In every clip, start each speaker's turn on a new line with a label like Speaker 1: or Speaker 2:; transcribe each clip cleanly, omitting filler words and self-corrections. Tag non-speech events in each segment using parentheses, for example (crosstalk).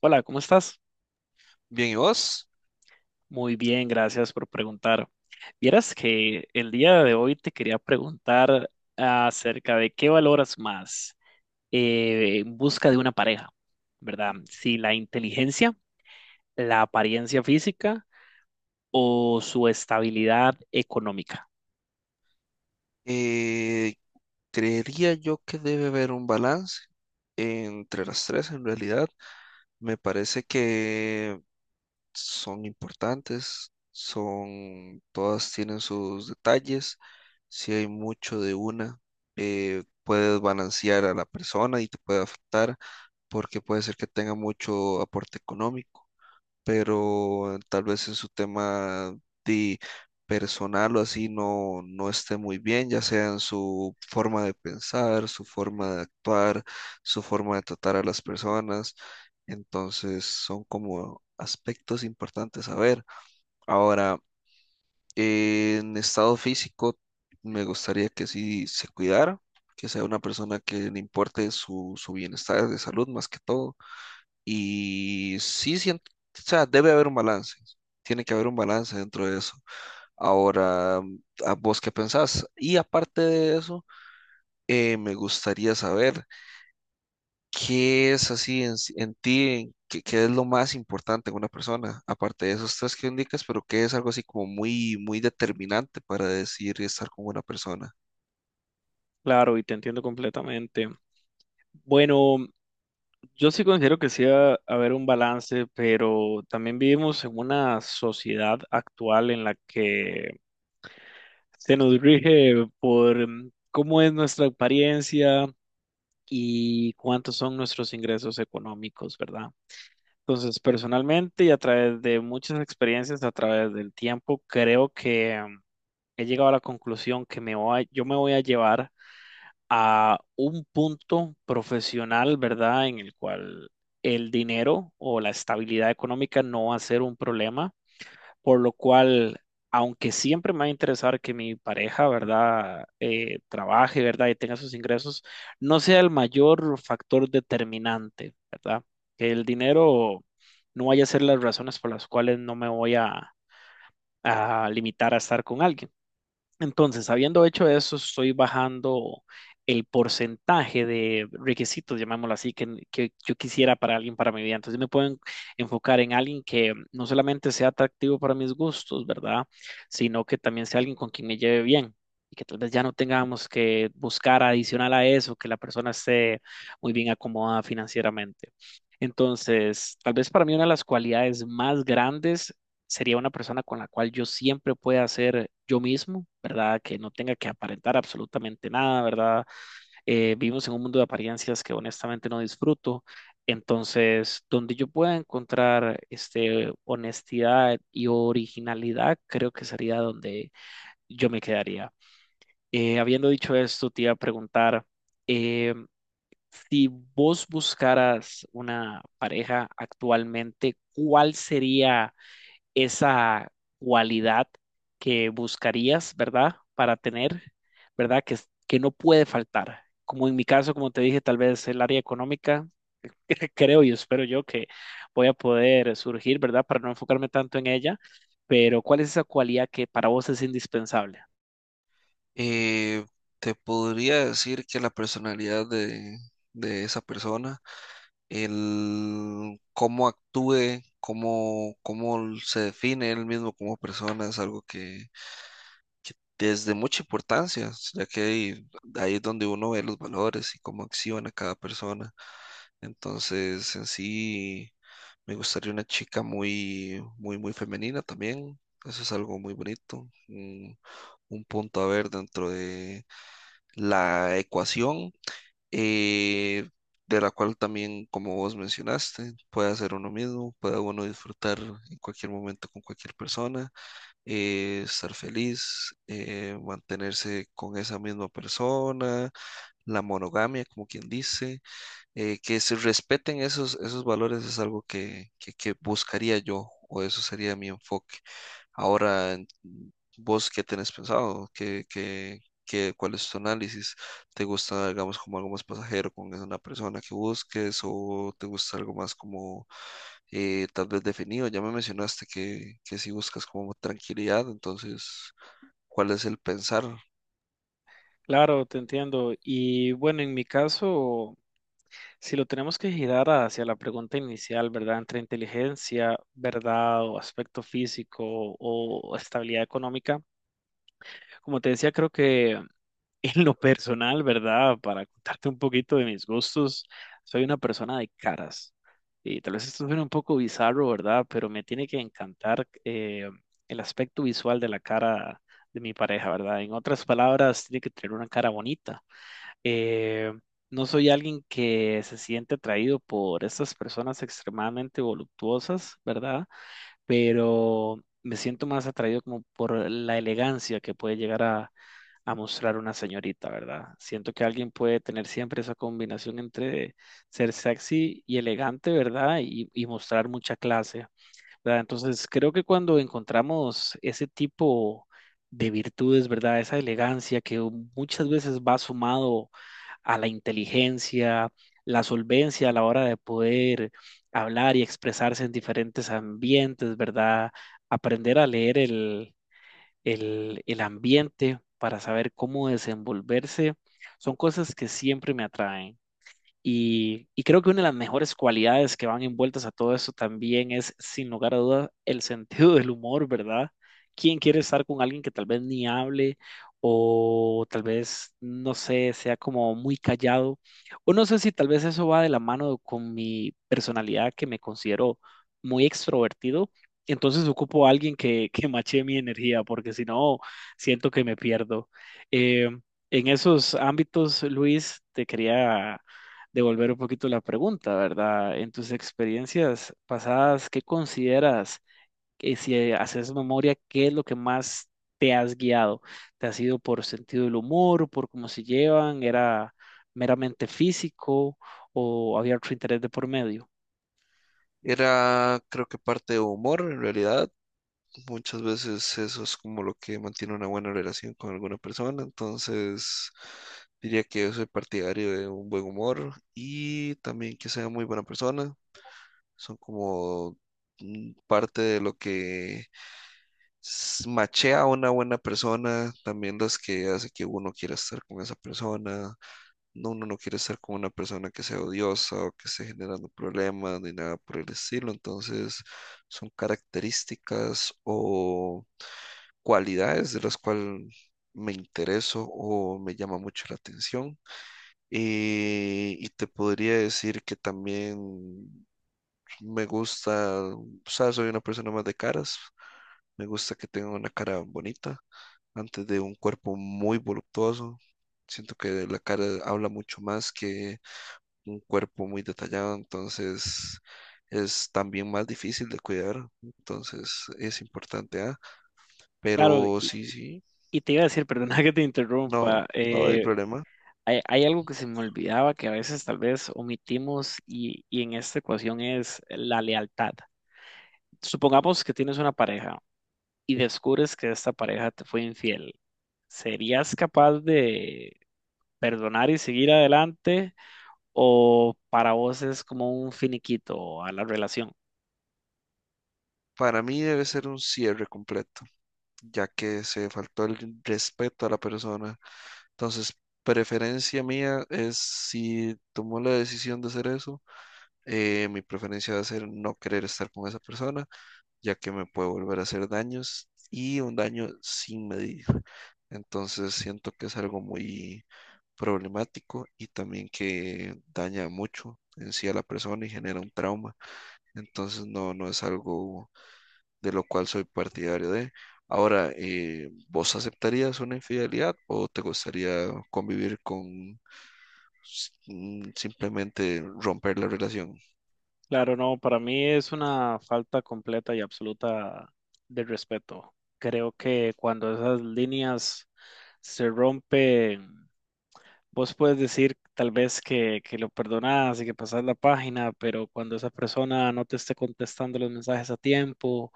Speaker 1: Hola, ¿cómo estás?
Speaker 2: Bien, ¿y vos?
Speaker 1: Muy bien, gracias por preguntar. Vieras que el día de hoy te quería preguntar acerca de qué valoras más en busca de una pareja, ¿verdad? Si la inteligencia, la apariencia física o su estabilidad económica.
Speaker 2: Eh, Creería yo que debe haber un balance entre las tres en realidad. Me parece que son importantes, todas tienen sus detalles. Si hay mucho de una, puedes balancear a la persona y te puede afectar porque puede ser que tenga mucho aporte económico pero tal vez en su tema de personal o así no esté muy bien, ya sea en su forma de pensar, su forma de actuar, su forma de tratar a las personas. Entonces son como aspectos importantes a ver. Ahora, en estado físico, me gustaría que sí se cuidara, que sea una persona que le importe su bienestar de salud más que todo y sí siento, o sea, debe haber un balance. Tiene que haber un balance dentro de eso. Ahora, ¿a vos qué pensás? Y aparte de eso, me gustaría saber qué es así en ti, qué es lo más importante en una persona, aparte de esos tres que indicas, pero qué es algo así como muy, muy determinante para decir estar con una persona.
Speaker 1: Claro, y te entiendo completamente. Bueno, yo sí considero que sí va a haber un balance, pero también vivimos en una sociedad actual en la que se nos rige por cómo es nuestra apariencia y cuántos son nuestros ingresos económicos, ¿verdad? Entonces, personalmente y a través de muchas experiencias, a través del tiempo, creo que he llegado a la conclusión que yo me voy a llevar a un punto profesional, ¿verdad? En el cual el dinero o la estabilidad económica no va a ser un problema, por lo cual, aunque siempre me va a interesar que mi pareja, ¿verdad?, trabaje, ¿verdad?, y tenga sus ingresos, no sea el mayor factor determinante, ¿verdad? Que el dinero no vaya a ser las razones por las cuales no me voy a limitar a estar con alguien. Entonces, habiendo hecho eso, estoy bajando el porcentaje de requisitos, llamémoslo así, que yo quisiera para alguien para mi vida. Entonces, me puedo enfocar en alguien que no solamente sea atractivo para mis gustos, ¿verdad? Sino que también sea alguien con quien me lleve bien y que tal vez ya no tengamos que buscar adicional a eso, que la persona esté muy bien acomodada financieramente. Entonces, tal vez para mí una de las cualidades más grandes sería una persona con la cual yo siempre pueda ser yo mismo, ¿verdad? Que no tenga que aparentar absolutamente nada, ¿verdad? Vivimos en un mundo de apariencias que honestamente no disfruto. Entonces, donde yo pueda encontrar este, honestidad y originalidad, creo que sería donde yo me quedaría. Habiendo dicho esto, te iba a preguntar, eh, si vos buscaras una pareja actualmente, ¿cuál sería esa cualidad que buscarías, ¿verdad? Para tener, ¿verdad? Que, que no puede faltar. Como en mi caso, como te dije, tal vez el área económica, (laughs) creo y espero yo que voy a poder surgir, ¿verdad? Para no enfocarme tanto en ella, pero ¿cuál es esa cualidad que para vos es indispensable?
Speaker 2: Eh, Te podría decir que la personalidad de esa persona, el cómo actúe, cómo se define él mismo como persona, es algo que es de mucha importancia, ya que ahí es donde uno ve los valores y cómo acciona cada persona. Entonces, en sí, me gustaría una chica muy, muy, muy femenina también. Eso es algo muy bonito, un punto a ver dentro de la ecuación, eh, de la cual también, como vos mencionaste, puede hacer uno mismo, puede uno disfrutar en cualquier momento con cualquier persona, estar feliz, mantenerse con esa misma persona, la monogamia, como quien dice. Que se respeten esos valores es algo que buscaría yo, o eso sería mi enfoque. Ahora, vos qué tenés pensado. Cuál es tu análisis? ¿Te gusta, digamos, como algo más pasajero con una persona que busques, o te gusta algo más como, tal vez definido? Ya me mencionaste que si buscas como tranquilidad, entonces, ¿cuál es el pensar?
Speaker 1: Claro, te entiendo. Y bueno, en mi caso, si lo tenemos que girar hacia la pregunta inicial, ¿verdad? Entre inteligencia, ¿verdad? O aspecto físico o estabilidad económica. Como te decía, creo que (laughs) en lo personal, ¿verdad? Para contarte un poquito de mis gustos, soy una persona de caras. Y tal vez esto suene un poco bizarro, ¿verdad? Pero me tiene que encantar el aspecto visual de la cara de mi pareja, ¿verdad? En otras palabras, tiene que tener una cara bonita. Eh, no soy alguien que se siente atraído por estas personas extremadamente voluptuosas, ¿verdad? Pero me siento más atraído como por la elegancia que puede llegar a mostrar una señorita, ¿verdad? Siento que alguien puede tener siempre esa combinación entre ser sexy y elegante, ¿verdad? Y mostrar mucha clase, ¿verdad? Entonces, creo que cuando encontramos ese tipo de virtudes, ¿verdad? Esa elegancia que muchas veces va sumado a la inteligencia, la solvencia a la hora de poder hablar y expresarse en diferentes ambientes, ¿verdad? Aprender a leer el ambiente, para saber cómo desenvolverse, son cosas que siempre me atraen. Y creo que una de las mejores cualidades que van envueltas a todo eso también es, sin lugar a dudas, el sentido del humor, ¿verdad? ¿Quién quiere estar con alguien que tal vez ni hable o tal vez, no sé, sea como muy callado? O no sé si tal vez eso va de la mano con mi personalidad, que me considero muy extrovertido. Entonces ocupo a alguien que mache mi energía porque si no, siento que me pierdo. Eh, en esos ámbitos, Luis, te quería devolver un poquito la pregunta, ¿verdad? En tus experiencias pasadas, ¿qué consideras que si haces memoria, qué es lo que más te has guiado? ¿Te has ido por sentido del humor, por cómo se llevan? ¿Era meramente físico o había otro interés de por medio?
Speaker 2: Era, creo que parte de humor en realidad. Muchas veces eso es como lo que mantiene una buena relación con alguna persona, entonces diría que yo soy partidario de un buen humor y también que sea muy buena persona. Son como parte de lo que machea a una buena persona, también las que hace que uno quiera estar con esa persona. No. Uno no quiere estar con una persona que sea odiosa o que esté generando problemas ni nada por el estilo, entonces son características o cualidades de las cuales me intereso o me llama mucho la atención. Y te podría decir que también me gusta, o sea, soy una persona más de caras, me gusta que tenga una cara bonita antes de un cuerpo muy voluptuoso. Siento que la cara habla mucho más que un cuerpo muy detallado, entonces es también más difícil de cuidar, entonces es importante, ¿ah?
Speaker 1: Claro,
Speaker 2: Pero sí, sí.
Speaker 1: y te iba a decir, (laughs) perdona que te
Speaker 2: No,
Speaker 1: interrumpa,
Speaker 2: no hay problema.
Speaker 1: hay algo que se me olvidaba que a veces tal vez omitimos y en esta ecuación es la lealtad. Supongamos que tienes una pareja y descubres que esta pareja te fue infiel, ¿serías capaz de perdonar y seguir adelante? ¿O para vos es como un finiquito a la relación?
Speaker 2: Para mí debe ser un cierre completo, ya que se faltó el respeto a la persona. Entonces, preferencia mía es si tomó la decisión de hacer eso, mi preferencia va a ser no querer estar con esa persona, ya que me puede volver a hacer daños y un daño sin medir. Entonces, siento que es algo muy problemático y también que daña mucho en sí a la persona y genera un trauma. Entonces, no, no es algo de lo cual soy partidario de. Ahora, ¿vos aceptarías una infidelidad o te gustaría convivir con simplemente romper la relación?
Speaker 1: Claro, no, para mí es una falta completa y absoluta de respeto. Creo que cuando esas líneas se rompen, vos puedes decir tal vez que lo perdonás y que pasás la página, pero cuando esa persona no te esté contestando los mensajes a tiempo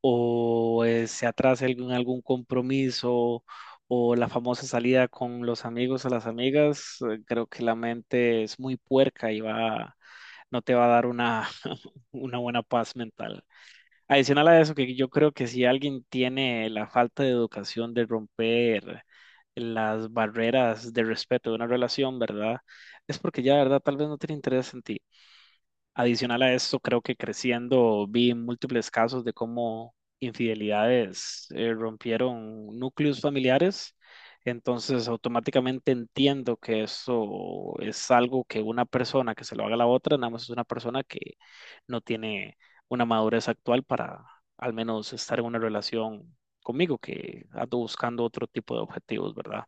Speaker 1: o se atrase algún compromiso o la famosa salida con los amigos o las amigas, creo que la mente es muy puerca y va, no te va a dar una, (laughs) una buena paz mental. Adicional a eso, que yo creo que si alguien tiene la falta de educación de romper las barreras de respeto de una relación, ¿verdad? Es porque ya, ¿verdad? Tal vez no tiene interés en ti. Adicional a esto, creo que creciendo vi múltiples casos de cómo infidelidades rompieron núcleos familiares. Entonces, automáticamente entiendo que eso es algo que una persona que se lo haga a la otra, nada más es una persona que no tiene una madurez actual para al menos estar en una relación conmigo, que ando buscando otro tipo de objetivos, ¿verdad?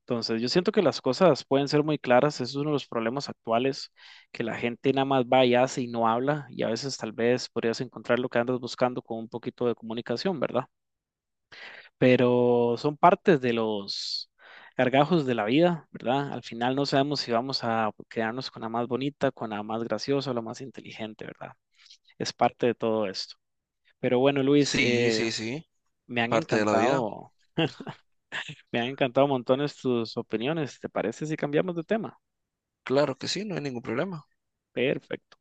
Speaker 1: Entonces, yo siento que las cosas pueden ser muy claras, eso es uno de los problemas actuales, que la gente nada más va y hace y no habla, y a veces tal vez podrías encontrar lo que andas buscando con un poquito de comunicación, ¿verdad? Pero son partes de los gargajos de la vida, ¿verdad? Al final no sabemos si vamos a quedarnos con la más bonita, con la más graciosa o la más inteligente, ¿verdad? Es parte de todo esto. Pero bueno, Luis,
Speaker 2: Sí, sí, sí,
Speaker 1: me han
Speaker 2: parte de la vida.
Speaker 1: encantado, me han encantado montones tus opiniones. ¿Te parece si cambiamos de tema?
Speaker 2: Claro que sí, no hay ningún problema.
Speaker 1: Perfecto.